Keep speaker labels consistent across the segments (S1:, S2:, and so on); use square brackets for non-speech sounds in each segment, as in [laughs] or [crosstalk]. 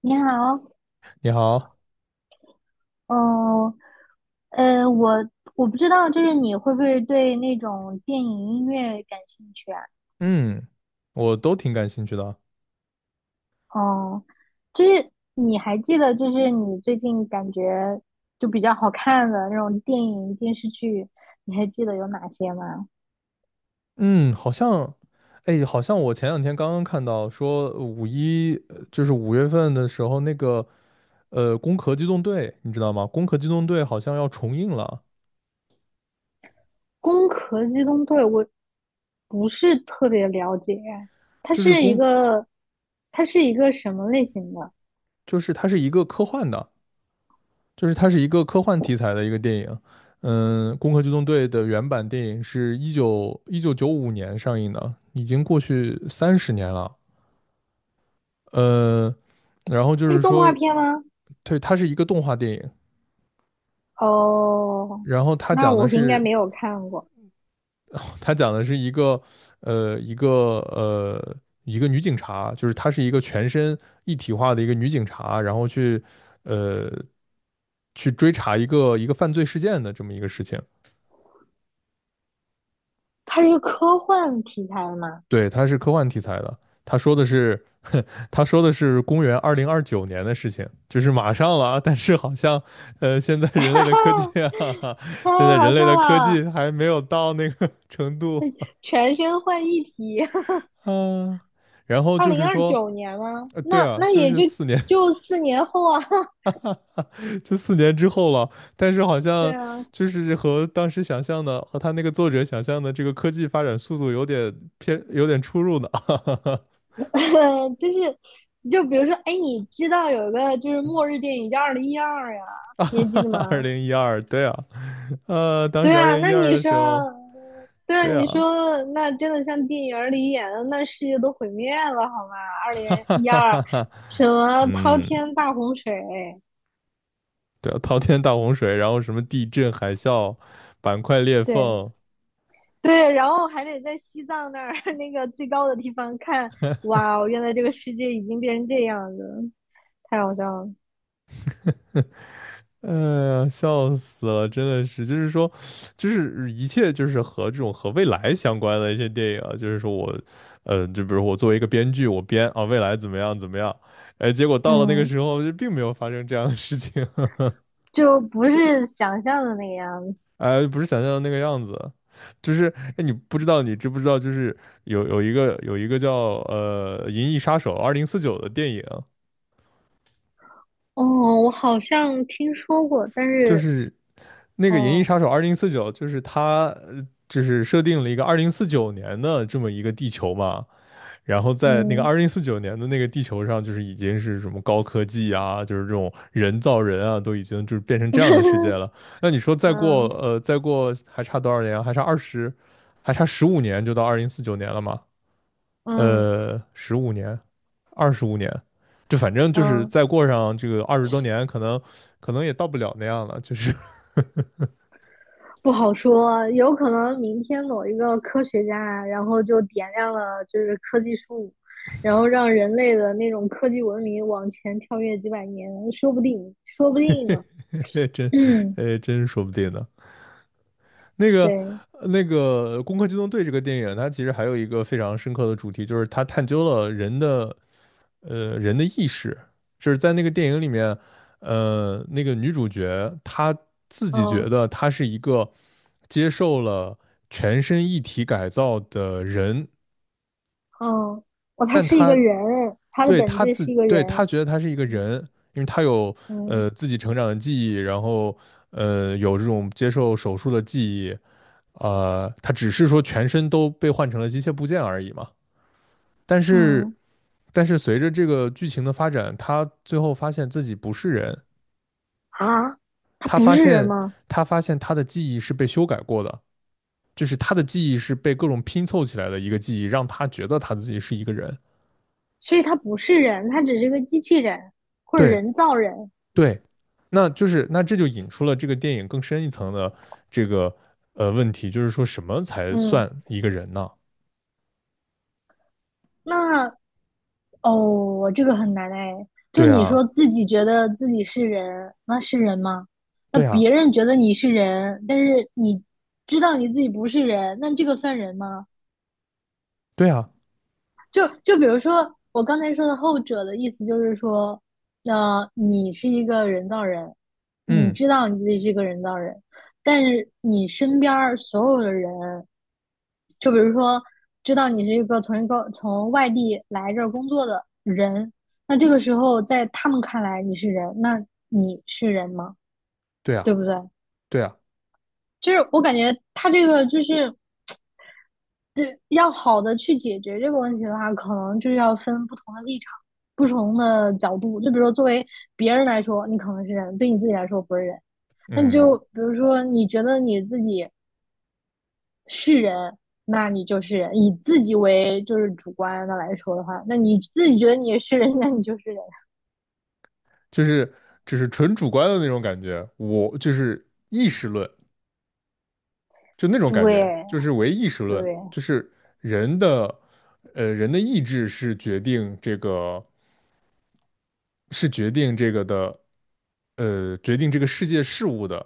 S1: 你好，
S2: 你好，
S1: 嗯，呃，我我不知道，就是你会不会对那种电影音乐感兴趣啊？
S2: 嗯，我都挺感兴趣的啊。
S1: 嗯，就是你还记得，就是你最近感觉就比较好看的那种电影电视剧，你还记得有哪些吗？
S2: 嗯，哎，好像我前两天刚刚看到说五一，就是5月份的时候，那个《攻壳机动队》，你知道吗？《攻壳机动队》好像要重映了，
S1: 《攻壳机动队》我不是特别了解，它
S2: 就是
S1: 是一
S2: 攻，
S1: 个，它是一个什么类型的？
S2: 就是它是一个科幻的，就是它是一个科幻题材的一个电影。嗯，《攻壳机动队》的原版电影是1995年上映的，已经过去30年了。呃，然后就
S1: 它是
S2: 是
S1: 动画
S2: 说，
S1: 片吗？
S2: 对，它是一个动画电影。
S1: 哦，
S2: 然后他
S1: 那
S2: 讲的
S1: 我应该
S2: 是，
S1: 没有看过。
S2: 他讲的是呃，一个呃，一个女警察，就是她是一个全身一体化的一个女警察，然后去，呃，去追查一个犯罪事件的这么一个事情。
S1: 它是一个科幻题材的吗？
S2: 对，它是科幻题材的。他说的是，他说的是公元2029年的事情，就是马上了啊。但是好像，现在人类的科技
S1: [laughs]
S2: 啊。[laughs]
S1: 太
S2: 现在
S1: 好
S2: 人类
S1: 笑
S2: 的科技
S1: 了！
S2: 还没有到那个 [laughs] 程度
S1: 全身换一体，
S2: 啊。然后
S1: 二
S2: 就
S1: 零
S2: 是
S1: 二
S2: 说，
S1: 九年吗？
S2: 对
S1: 那
S2: 啊，
S1: 那
S2: 就
S1: 也
S2: 是
S1: 就
S2: 四年，
S1: 就四年后啊。[laughs]
S2: [laughs] 就四年之后了。但是好
S1: 对
S2: 像
S1: 啊，
S2: 就是和当时想象的，和他那个作者想象的这个科技发展速度有点偏，有点出入呢。
S1: [laughs] 就是比如说，哎，你知道有一个就是末日电影叫《二零一二》呀，你还记得
S2: [laughs] 二
S1: 吗？
S2: 零一二，对啊。当
S1: 对
S2: 时二
S1: 啊，
S2: 零
S1: 那
S2: 一二
S1: 你
S2: 的
S1: 说，
S2: 时候，
S1: 对啊，
S2: 对
S1: 你
S2: 啊。
S1: 说那真的像电影里演的，那世界都毁灭了，好吗？
S2: [laughs]
S1: 二零
S2: 哈哈
S1: 一
S2: 哈
S1: 二，
S2: 哈哈，
S1: 什么滔
S2: 嗯，
S1: 天大洪水？
S2: 对啊，滔天大洪水，然后什么地震、海啸、板块裂
S1: 对，
S2: 缝。
S1: [laughs] 对，然后还得在西藏那儿 [laughs] 那个最高的地方看，哇哦原来这个世界已经变成这样子，太好笑了。
S2: 哎呀，笑死了，真的是，就是说，就是一切就是和这种和未来相关的一些电影啊。就是说我，呃，就比如我作为一个编剧，我编啊未来怎么样怎么样。哎，结果到了那个
S1: 嗯，
S2: 时候就并没有发生这样的事情。
S1: 就不是想象的那个样子。
S2: [laughs] 哎，不是想象的那个样子。就是哎，你知不知道，就是有一个叫《银翼杀手二零四九》的电影。
S1: 哦，我好像听说过，但
S2: 就
S1: 是
S2: 是那个《银翼
S1: 哦，
S2: 杀手二零四九》就是它，呃就是设定了一个二零四九年的这么一个地球嘛。然后在那个
S1: 嗯
S2: 二零四九年的那个地球上，就是已经是什么高科技啊，就是这种人造人啊，都已经就是变成这样的世界
S1: [laughs]
S2: 了。那你说再过
S1: 嗯
S2: 呃再过还差多少年啊，还差二十，还差十五年就到二零四九年了嘛？
S1: 嗯
S2: 十五年，25年，就反正就是
S1: 嗯。
S2: 再过上这个20多年，可能也到不了那样了，就是。
S1: 不好说，有可能明天某一个科学家啊，然后就点亮了就是科技树，然后让人类的那种科技文明往前跳跃几百年，说不定，说不定呢。
S2: 嘿 [laughs]
S1: 嗯，
S2: 哎，真说不定呢。那个，
S1: 对，
S2: 那个《攻壳机动队》这个电影，它其实还有一个非常深刻的主题，就是它探究了人的意识。就是在那个电影里面，那个女主角她自己觉
S1: 嗯
S2: 得她是一个接受了全身一体改造的人。
S1: 嗯，哦，他
S2: 但
S1: 是一
S2: 她
S1: 个人，他的
S2: 对
S1: 本
S2: 她
S1: 质
S2: 自，
S1: 是一个
S2: 对
S1: 人。
S2: 她觉得她是一个
S1: 嗯
S2: 人，因为她有
S1: 嗯
S2: 自己成长的记忆，然后。有这种接受手术的记忆。他只是说全身都被换成了机械部件而已嘛。但是，
S1: 嗯，
S2: 但是随着这个剧情的发展，他最后发现自己不是人。
S1: 啊，他
S2: 他
S1: 不
S2: 发
S1: 是人
S2: 现
S1: 吗？
S2: 他发现他的记忆是被修改过的，就是他的记忆是被各种拼凑起来的一个记忆，让他觉得他自己是一个人。
S1: 所以他不是人，他只是个机器人或者
S2: 对
S1: 人造人。
S2: 对。那这就引出了这个电影更深一层的这个问题，就是说什么才
S1: 嗯，
S2: 算一个人呢？
S1: 那哦，这个很难哎。就
S2: 对
S1: 你
S2: 啊，
S1: 说自己觉得自己是人，那是人吗？那
S2: 对啊，
S1: 别人觉得你是人，但是你知道你自己不是人，那这个算人吗？
S2: 对啊。
S1: 就比如说我刚才说的后者的意思就是说，那你是一个人造人，你
S2: 嗯，
S1: 知道你自己是一个人造人，但是你身边所有的人，就比如说知道你是一个从一个从外地来这儿工作的人，那这个时候在他们看来你是人，那你是人吗？
S2: 对啊，
S1: 对不对？
S2: 对啊。
S1: 就是我感觉他这个就是要好的去解决这个问题的话，可能就要分不同的立场、不同的角度。就比如说，作为别人来说，你可能是人；对你自己来说不是人。那你
S2: 嗯。
S1: 就比如说，你觉得你自己是人，那你就是人；以自己为就是主观的来说的话，那你自己觉得你是人，那你就是人。
S2: 就是只是纯主观的那种感觉，我就是意识论，就那种感觉，
S1: 对
S2: 就是唯意识论，
S1: 对。
S2: 就是人的，人的意志是决定这个，是决定这个的，决定这个世界事物的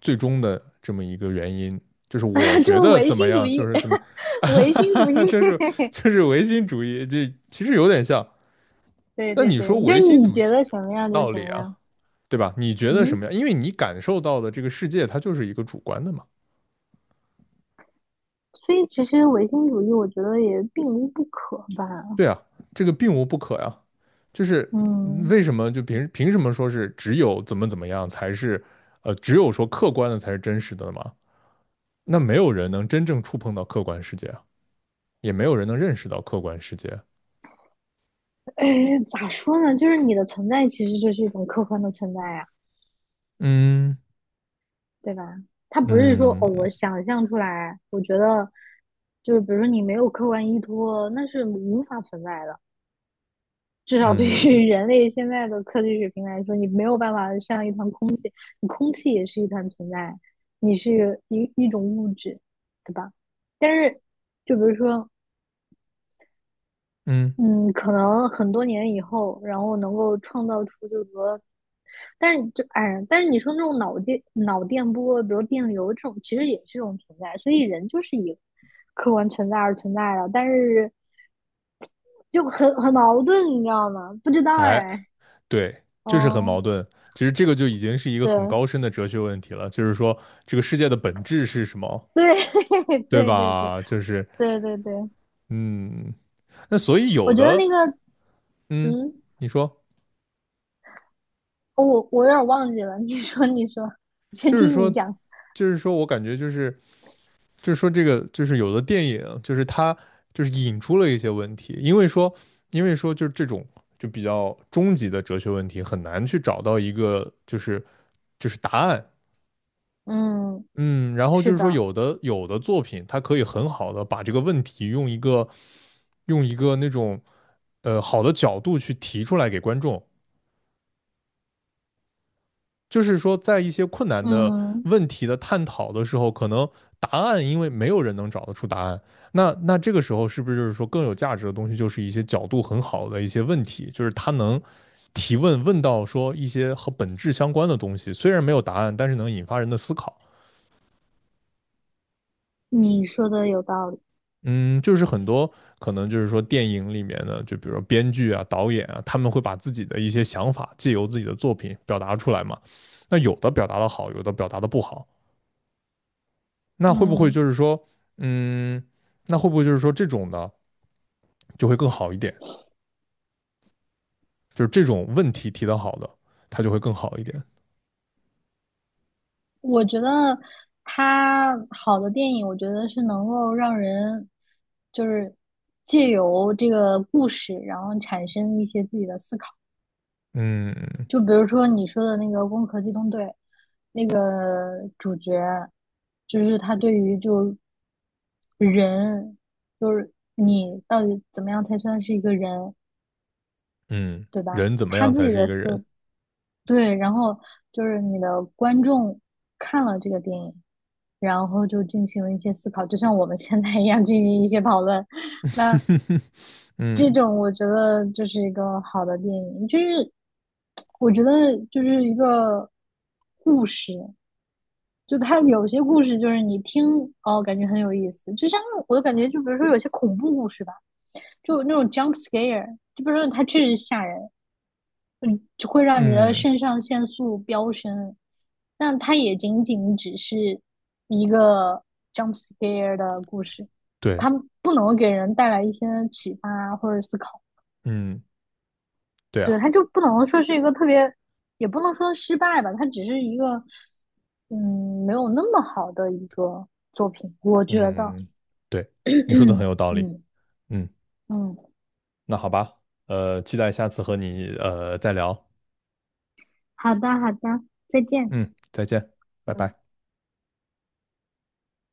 S2: 最终的这么一个原因。就是我
S1: [laughs]
S2: 觉
S1: 就
S2: 得
S1: 唯
S2: 怎么
S1: 心主
S2: 样，就
S1: 义
S2: 是怎么
S1: [laughs]，唯心主义
S2: 样， [laughs] 就是唯心主义，这其实有点像。
S1: [laughs]，对
S2: 那
S1: 对
S2: 你
S1: 对，
S2: 说
S1: 就
S2: 唯心
S1: 你
S2: 主义
S1: 觉得什么
S2: 有
S1: 样就是
S2: 道
S1: 什
S2: 理
S1: 么
S2: 啊，
S1: 样。
S2: 对吧？你觉得什么
S1: 嗯，
S2: 样？因为你感受到的这个世界，它就是一个主观的嘛。
S1: 所以其实唯心主义，我觉得也并无不可吧。
S2: 对啊，这个并无不可呀。就是
S1: 嗯，
S2: 为什么就凭什么说是只有怎么样才是，只有说客观的才是真实的嘛？那没有人能真正触碰到客观世界啊，也没有人能认识到客观世界。
S1: 哎，咋说呢？就是你的存在其实就是一种客观的存在呀、啊
S2: 嗯
S1: 对吧？它不是说哦，
S2: 嗯
S1: 我想象出来，我觉得就是比如说你没有客观依托，那是无法存在的。至少对
S2: 嗯
S1: 于人类现在的科技水平来说，你没有办法像一团空气，你空气也是一团存在，你是一种物质，对吧？但是，就比如说，
S2: 嗯，
S1: 嗯，可能很多年以后，然后能够创造出就是说，但是就哎，但是你说那种脑电波，比如电流这种，其实也是一种存在，所以人就是以客观存在而存在的，但是就很矛盾，你知道吗？不知道
S2: 哎，
S1: 哎，
S2: 对，就是很
S1: 哦，
S2: 矛盾。其实这个就已经是一个很
S1: 对
S2: 高深的哲学问题了，就是说这个世界的本质是什么，
S1: 对 [laughs]
S2: 对
S1: 对对对
S2: 吧？就是
S1: 对对对，
S2: 嗯，那所以
S1: 我
S2: 有
S1: 觉得
S2: 的
S1: 那个
S2: 嗯，
S1: 嗯，
S2: 你说。
S1: 我有点忘记了，你说你说，先
S2: 就是
S1: 听
S2: 说，
S1: 你讲，
S2: 就是说我感觉就是说这个就是有的电影就是它就是引出了一些问题。因为说就是这种就比较终极的哲学问题很难去找到一个就是答案。
S1: 嗯，
S2: 嗯，然后就
S1: 是
S2: 是说
S1: 的，
S2: 有的作品它可以很好的把这个问题用一个那种好的角度去提出来给观众。就是说，在一些困难的
S1: 嗯。
S2: 问题的探讨的时候，可能答案因为没有人能找得出答案，那这个时候是不是就是说更有价值的东西，就是一些角度很好的一些问题，就是他能问到说一些和本质相关的东西，虽然没有答案，但是能引发人的思考。
S1: 你说的有道理。
S2: 嗯，就是很多可能就是说电影里面的，就比如说编剧啊、导演啊，他们会把自己的一些想法借由自己的作品表达出来嘛。那有的表达的好，有的表达的不好。那会不会
S1: 嗯，
S2: 就是说，嗯，那会不会就是说这种的就会更好一点？就是这种问题提得好的，它就会更好一点。
S1: 我觉得它好的电影，我觉得是能够让人就是借由这个故事，然后产生一些自己的思考。
S2: 嗯
S1: 就比如说你说的那个《攻壳机动队》，那个主角就是他对于就人，就是你到底怎么样才算是一个人，
S2: 嗯，
S1: 对吧？
S2: 人怎么
S1: 他
S2: 样
S1: 自
S2: 才
S1: 己
S2: 是一
S1: 的
S2: 个人？
S1: 思对，然后就是你的观众看了这个电影，然后就进行了一些思考，就像我们现在一样进行一些讨论。那
S2: [laughs] 嗯
S1: 这种我觉得就是一个好的电影，就是我觉得就是一个故事，就它有些故事就是你听哦，感觉很有意思，就像我感觉就比如说有些恐怖故事吧，就那种 jump scare，就比如说它确实吓人，嗯，就会让你的
S2: 嗯，
S1: 肾上腺素飙升。但它也仅仅只是一个 jump scare 的故事，
S2: 对，
S1: 它不能给人带来一些启发或者思考。
S2: 嗯对啊，
S1: 对，它就不能说是一个特别，也不能说失败吧，它只是一个，嗯，没有那么好的一个作品，我觉得。
S2: 嗯对，
S1: [coughs] [clears throat]
S2: 你说的很有道理。
S1: 嗯
S2: 嗯，
S1: 嗯，
S2: 那好吧，期待下次和你再聊。
S1: 好的好的，再见。
S2: 嗯，再见，拜
S1: 嗯。
S2: 拜。